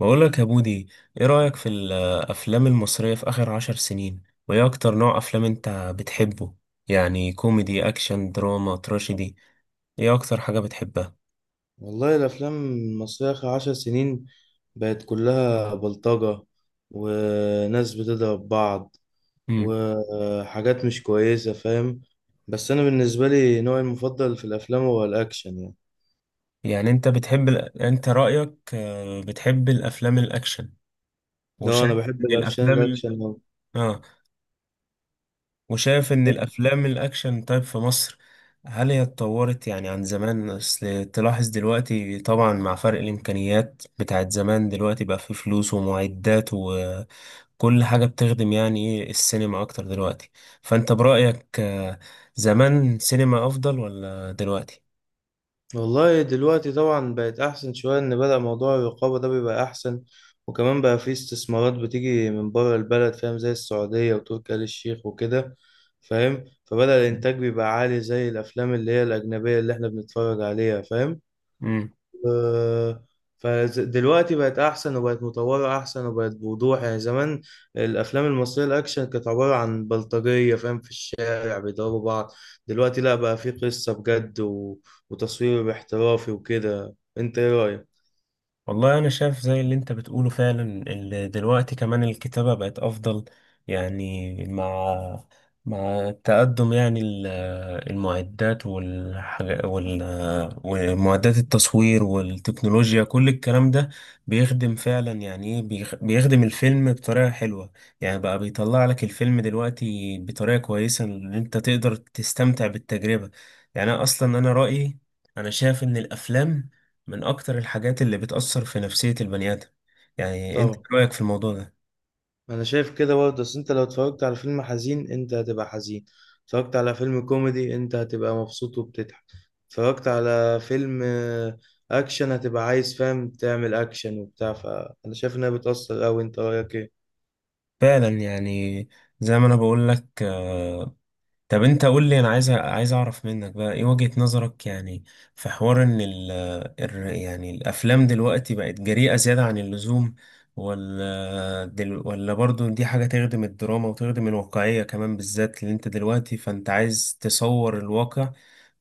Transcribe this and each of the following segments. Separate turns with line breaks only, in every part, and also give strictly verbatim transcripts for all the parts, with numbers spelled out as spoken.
بقولك يا بودي، ايه رأيك في الأفلام المصرية في آخر عشر سنين؟ وايه أكتر نوع أفلام انت بتحبه؟ يعني كوميدي، أكشن، دراما، تراجيدي؟ ايه أكتر حاجة بتحبها؟
والله الأفلام المصرية آخر عشر سنين بقت كلها بلطجة، وناس بتضرب بعض،
مم.
وحاجات مش كويسة. فاهم؟ بس أنا بالنسبة لي نوعي المفضل في الأفلام هو الأكشن، يعني
يعني انت بتحب ال... انت رأيك آه، بتحب الأفلام الأكشن
اه
وشايف
أنا بحب
ان
الأفلام
الأفلام
الأكشن
ال...
أوي.
اه وشايف ان الأفلام الأكشن طيب في مصر، هل هي اتطورت يعني عن زمان؟ اصل تلاحظ دلوقتي طبعا مع فرق الإمكانيات بتاعت زمان، دلوقتي بقى في فلوس ومعدات، كل حاجة بتخدم يعني ايه السينما أكتر دلوقتي. فأنت برأيك آه، زمان سينما أفضل ولا دلوقتي؟
والله دلوقتي طبعا بقت أحسن شوية، إن بدأ موضوع الرقابة ده بيبقى أحسن. وكمان بقى فيه استثمارات بتيجي من بره البلد، فاهم؟ زي السعودية وتركي آل الشيخ وكده. فاهم؟ فبدأ الإنتاج بيبقى عالي زي الأفلام اللي هي الأجنبية اللي إحنا بنتفرج عليها. فاهم؟
مم.
آه، فدلوقتي بقت احسن، وبقت مطوره احسن، وبقت بوضوح. يعني زمان الافلام المصريه الاكشن كانت عباره عن بلطجيه، فاهم؟ في الشارع بيضربوا بعض. دلوقتي لا، بقى في قصه بجد و... وتصوير احترافي وكده. انت ايه رايك؟
والله أنا شايف زي اللي أنت بتقوله فعلا. ال- دلوقتي كمان الكتابة بقت أفضل يعني مع مع التقدم يعني ال- المعدات والحاجة وال ومعدات التصوير والتكنولوجيا كل الكلام ده بيخدم فعلا، يعني إيه، بيخ- بيخدم الفيلم بطريقة حلوة. يعني بقى بيطلع لك الفيلم دلوقتي بطريقة كويسة إن أنت تقدر تستمتع بالتجربة. يعني أنا أصلا أنا رأيي أنا شايف إن الأفلام من أكتر الحاجات اللي بتأثر في نفسية البني آدم. يعني أنت إيه
طبعا،
رأيك في الموضوع ده؟
ما انا شايف كده برضه. بس انت لو اتفرجت على فيلم حزين انت هتبقى حزين، اتفرجت على فيلم كوميدي انت هتبقى مبسوط وبتضحك، اتفرجت على فيلم آه، اكشن هتبقى عايز، فاهم؟ تعمل اكشن وبتاع. فانا شايف انها بتأثر اوي. انت رايك ايه؟
فعلا يعني زي ما أنا بقول لك. طب انت قول لي، انا عايز عايز اعرف منك بقى ايه وجهة نظرك يعني في حوار ان ال ال- يعني الافلام دلوقتي بقت جريئة زيادة عن اللزوم، ولا دل ولا برضو دي حاجة تخدم الدراما وتخدم الواقعية كمان؟ بالذات اللي انت دلوقتي، فانت عايز تصور الواقع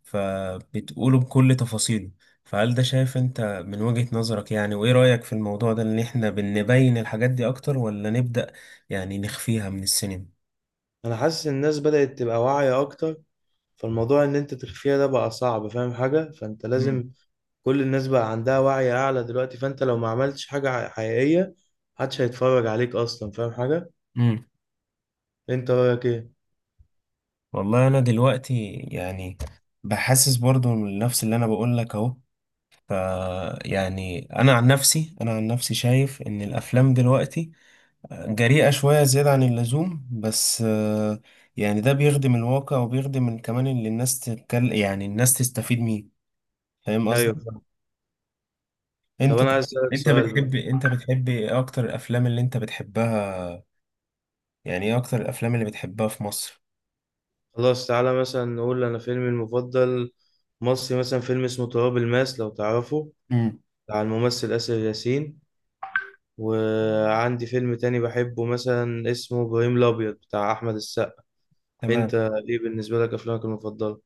فبتقوله بكل تفاصيله. فهل ده شايف انت من وجهة نظرك يعني، وايه رأيك في الموضوع ده؟ ان احنا بنبين الحاجات دي اكتر ولا نبدأ يعني نخفيها من السينما؟
انا حاسس ان الناس بدأت تبقى واعية اكتر. فالموضوع ان انت تخفيها ده بقى صعب، فاهم حاجة؟ فانت
مم.
لازم، كل الناس بقى عندها وعي اعلى دلوقتي، فانت لو ما عملتش حاجة حقيقية محدش هيتفرج عليك اصلا، فاهم حاجة؟
مم.
انت رايك ايه؟
والله انا دلوقتي يعني بحسس برضو من نفس اللي انا بقول لك اهو. ف يعني انا عن نفسي انا عن نفسي شايف ان الافلام دلوقتي جريئة شوية زيادة عن اللزوم، بس آه، يعني ده بيخدم الواقع وبيخدم ال- كمان اللي الناس تتكلم يعني الناس تستفيد منه. فاهم
ايوه.
قصدي؟
طب
انت
انا عايز اسالك
انت
سؤال بقى.
بتحب انت بتحب ايه اكتر الافلام اللي انت بتحبها؟ يعني ايه اكتر الافلام اللي بتحبها في مصر؟
خلاص، تعالى مثلا نقول انا فيلمي المفضل مصري، مثلا فيلم اسمه تراب الماس، لو تعرفه،
امم.
بتاع الممثل آسر ياسين. وعندي فيلم تاني بحبه مثلا اسمه ابراهيم الابيض بتاع احمد السقا. انت
تمام.
ايه بالنسبه لك افلامك المفضله؟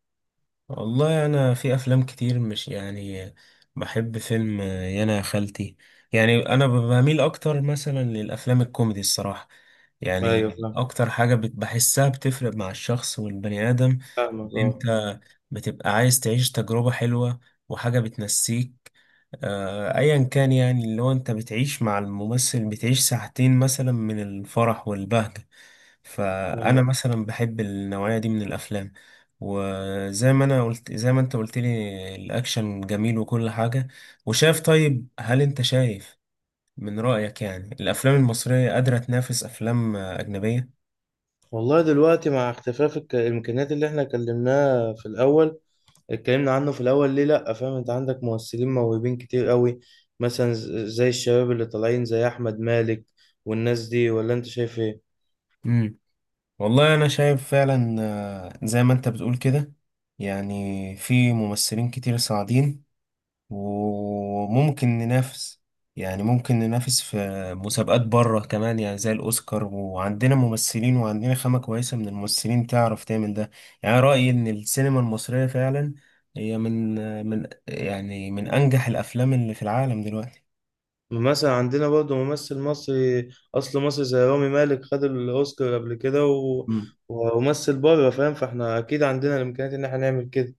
والله انا في افلام كتير، مش يعني، بحب فيلم يانا يا خالتي. يعني انا ب- بميل اكتر مثلا للافلام الكوميدي الصراحه.
ايوه،
يعني
فاهم.
اكتر حاجه بت- بحسها بتفرق مع الشخص والبني ادم، ان
فاهمك،
انت
اه.
بتبقى عايز تعيش تجربه حلوه وحاجه بتنسيك آه، ايا كان، يعني اللي هو انت بتعيش مع الممثل، بتعيش ساعتين مثلا من الفرح والبهجه. فانا
أيوة.
مثلا بحب النوعيه دي من الافلام. وزي ما انا قلت، زي ما انت قلت لي، الاكشن جميل وكل حاجه. وشايف طيب، هل انت شايف من رايك يعني الافلام المصريه قادره تنافس افلام آه، اجنبيه؟
والله دلوقتي مع اختفاء الك- الامكانيات اللي احنا كلمناها في الاول، اتكلمنا عنه في الاول، ليه لا، فاهم؟ انت عندك ممثلين موهوبين كتير قوي، مثلا ز- زي الشباب اللي طالعين زي احمد مالك والناس دي. ولا انت شايف ايه؟
امم. والله انا شايف فعلا آه، زي ما انت بتقول كده. يعني في ممثلين كتير صاعدين وممكن ننافس، يعني ممكن ننافس في مسابقات بره كمان يعني زي الأوسكار. وعندنا ممثلين وعندنا خامة كويسة من الممثلين تعرف تعمل ده. يعني رأيي إن السينما المصرية فعلا هي من من يعني من أنجح الأفلام اللي في العالم دلوقتي.
مثلا عندنا برضه ممثل مصري، اصل مصري، زي رامي مالك، خد الاوسكار قبل كده و...
مم.
وممثل بره. فاهم؟ فاحنا اكيد عندنا الامكانيات ان احنا نعمل كده.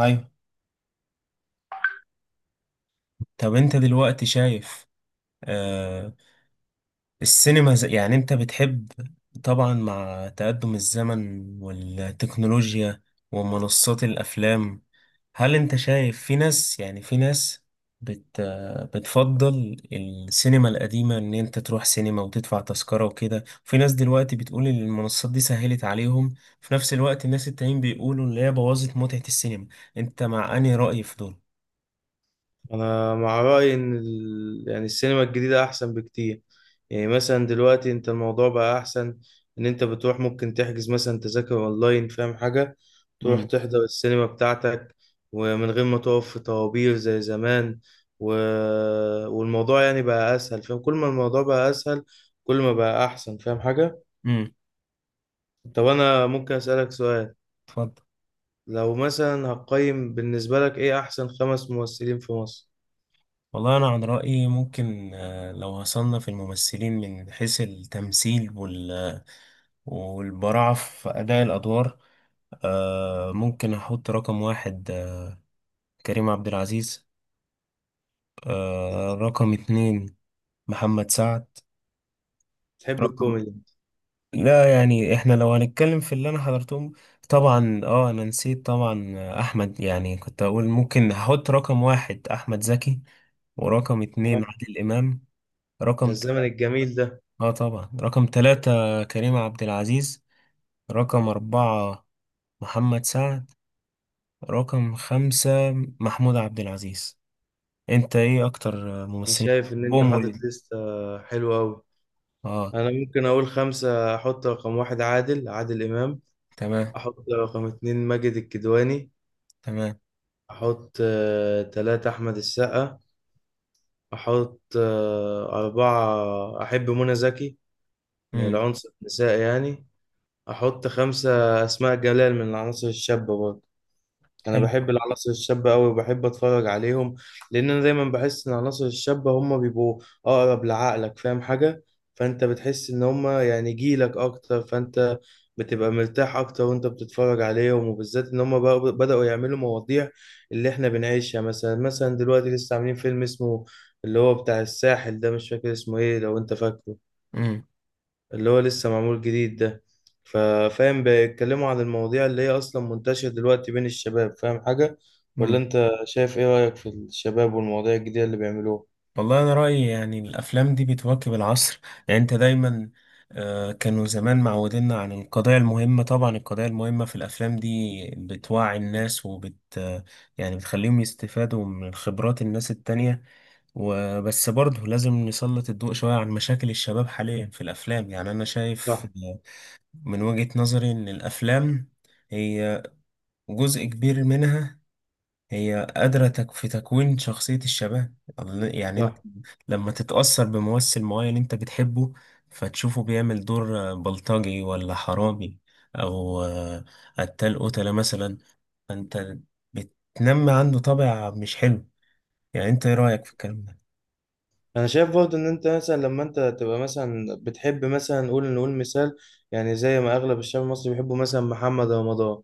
أيوة. طب أنت دلوقتي شايف آه، السينما زي يعني انت بتحب، طبعا مع تقدم الزمن والتكنولوجيا ومنصات الافلام، هل انت شايف في ناس، يعني في ناس بت بتفضل السينما القديمة، ان انت تروح سينما وتدفع تذكرة وكده؟ في ناس دلوقتي بتقول ان المنصات دي سهلت عليهم، في نفس الوقت الناس التانيين بيقولوا ان هي بوظت متعة السينما. انت مع انهي رأي في دول؟
انا مع رايي ان ال... يعني السينما الجديده احسن بكتير. يعني مثلا دلوقتي انت الموضوع بقى احسن. ان انت بتروح ممكن تحجز مثلا تذاكر اونلاين، فاهم حاجه؟ تروح
امم.
تحضر السينما بتاعتك، ومن غير ما تقف في طوابير زي زمان و... والموضوع يعني بقى اسهل. فاهم؟ كل ما الموضوع بقى اسهل، كل ما بقى احسن. فاهم حاجه؟
امم.
طب انا ممكن اسالك سؤال؟
اتفضل.
لو مثلا هقيم بالنسبه لك ايه احسن خمس ممثلين في مصر؟
والله أنا عن رأيي ممكن آه، لو هصنف الممثلين من حيث التمثيل وال والبراعة في أداء الأدوار، آه، ممكن أحط رقم واحد آه، كريم عبد العزيز، آه، رقم اتنين محمد سعد،
تحب
رقم،
الكوميدي.
لا يعني احنا لو هنتكلم في اللي أنا حضرتهم، طبعا اه أنا نسيت طبعا آه، أحمد، يعني كنت أقول ممكن أحط رقم واحد أحمد زكي، ورقم اتنين عادل إمام،
ده
رقم
الزمن
تلاتة،
الجميل ده.
اه طبعا رقم ثلاثة كريم عبد العزيز، رقم أربعة محمد سعد، رقم خمسة محمود عبد العزيز. انت ايه اكتر
انا
ممثلين؟
شايف ان انت
بوم وليد.
حاطط لستة حلوة قوي.
اه.
انا ممكن اقول خمسة. احط رقم واحد عادل عادل امام،
تمام.
احط رقم اتنين ماجد الكدواني،
تمام.
احط آه، تلاتة احمد السقا، احط آه، اربعة احب منى زكي من
امم.
العنصر النسائي يعني، احط خمسة اسماء جلال من العناصر الشابة برضه. انا
حلو.
بحب العناصر الشابه قوي وبحب اتفرج عليهم. لان انا دايما بحس ان العناصر الشابه هم بيبقوا اقرب لعقلك، فاهم حاجه؟ فانت بتحس ان هم يعني جيلك اكتر، فانت بتبقى مرتاح اكتر وانت بتتفرج عليهم، وبالذات ان هم بقوا- بداوا يعملوا مواضيع اللي احنا بنعيشها. مثلا مثلا دلوقتي لسه عاملين فيلم اسمه اللي هو بتاع الساحل ده، مش فاكر اسمه ايه، لو انت فاكره.
امم.
اللي هو لسه معمول جديد ده. ففاهم بيتكلموا عن المواضيع اللي هي أصلا منتشرة دلوقتي بين الشباب، فاهم حاجة؟ ولا
امم.
أنت شايف إيه رأيك في الشباب والمواضيع الجديدة اللي بيعملوها؟
والله انا رأيي يعني الافلام دي بتواكب العصر. يعني انت دايما آه، كانوا زمان معودينا عن القضايا المهمة، طبعا القضايا المهمة في الأفلام دي بتوعي الناس وبت آه، يعني بتخليهم يستفادوا من خبرات الناس التانية. وبس برضه لازم نسلط الضوء شوية عن مشاكل الشباب حاليا في الأفلام. يعني أنا شايف
صح.
من وجهة نظري إن الأفلام هي جزء كبير منها هي قادرة تك- في تكوين شخصية الشباب. يعني أنت
صح.
لما تتأثر بممثل معين أنت بتحبه، فتشوفه بيعمل دور بلطجي ولا حرامي أو قتال قتلة مثلا، فأنت بتنمي عنده طابع مش حلو. يعني أنت إيه رأيك في الكلام ده؟
انا شايف برضه ان انت مثلا لما انت تبقى مثلا بتحب مثلا نقول نقول مثال. يعني زي ما اغلب الشعب المصري بيحبوا مثلا محمد رمضان،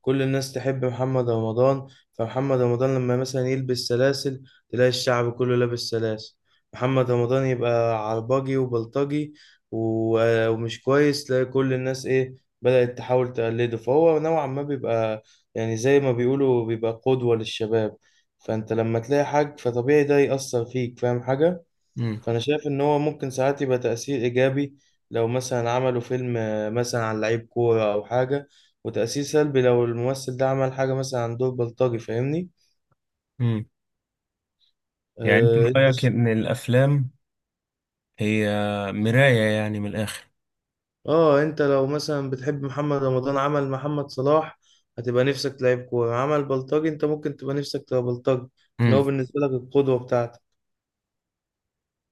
كل الناس تحب محمد رمضان. فمحمد رمضان لما مثلا يلبس سلاسل تلاقي الشعب كله لابس سلاسل. محمد رمضان يبقى عرباجي وبلطجي و- ومش كويس، تلاقي كل الناس ايه، بدأت تحاول تقلده. فهو نوعا ما بيبقى يعني زي ما بيقولوا بيبقى قدوة للشباب. فانت لما تلاقي حاج فطبيعي ده يأثر فيك، فاهم حاجة؟ فانا شايف ان هو ممكن ساعات يبقى تأثير ايجابي لو مثلا عملوا فيلم آه، مثلا عن لعيب كورة او حاجة، وتأثير سلبي لو الممثل ده عمل حاجة مثلا عن دور بلطجي، فاهمني؟
مم. يعني انت
اه انت
رأيك
ش-
ان الافلام هي مراية يعني من الاخر.
اه انت لو مثلا بتحب محمد رمضان عمل محمد صلاح هتبقى نفسك تلعب كورة، عمل بلطجي انت ممكن تبقى نفسك تبقى بلطجي. ان
امم.
هو بالنسبة لك القدوة بتاعتك.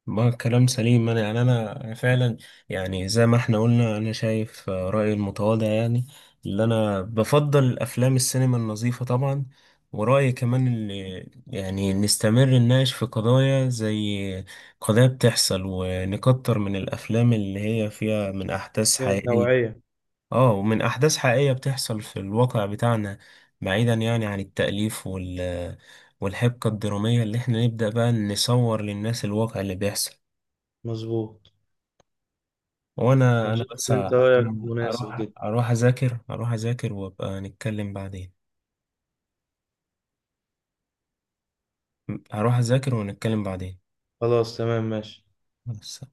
ما كلام سليم. انا يعني انا فعلا، يعني زي ما احنا قلنا، انا شايف آه، رأيي المتواضع يعني، اللي انا بفضل الافلام السينما النظيفة طبعا. ورأيي كمان اللي يعني نستمر نناقش في قضايا زي قضايا بتحصل، ونكتر من الافلام اللي هي فيها من احداث
هي
حقيقية.
توعية.
اه ومن احداث حقيقية بتحصل في الواقع بتاعنا، بعيدا يعني عن التأليف وال والحبكة الدرامية. اللي احنا نبدأ بقى نصور للناس الواقع اللي بيحصل.
مظبوط.
وانا،
انا
انا
شايف
بس
ان انت
ه-
رأيك
انا
مناسب
اروح
جدا.
اروح اذاكر اروح اذاكر وابقى نتكلم بعدين. هروح اذاكر ونتكلم بعدين.
خلاص تمام ماشي.
بس.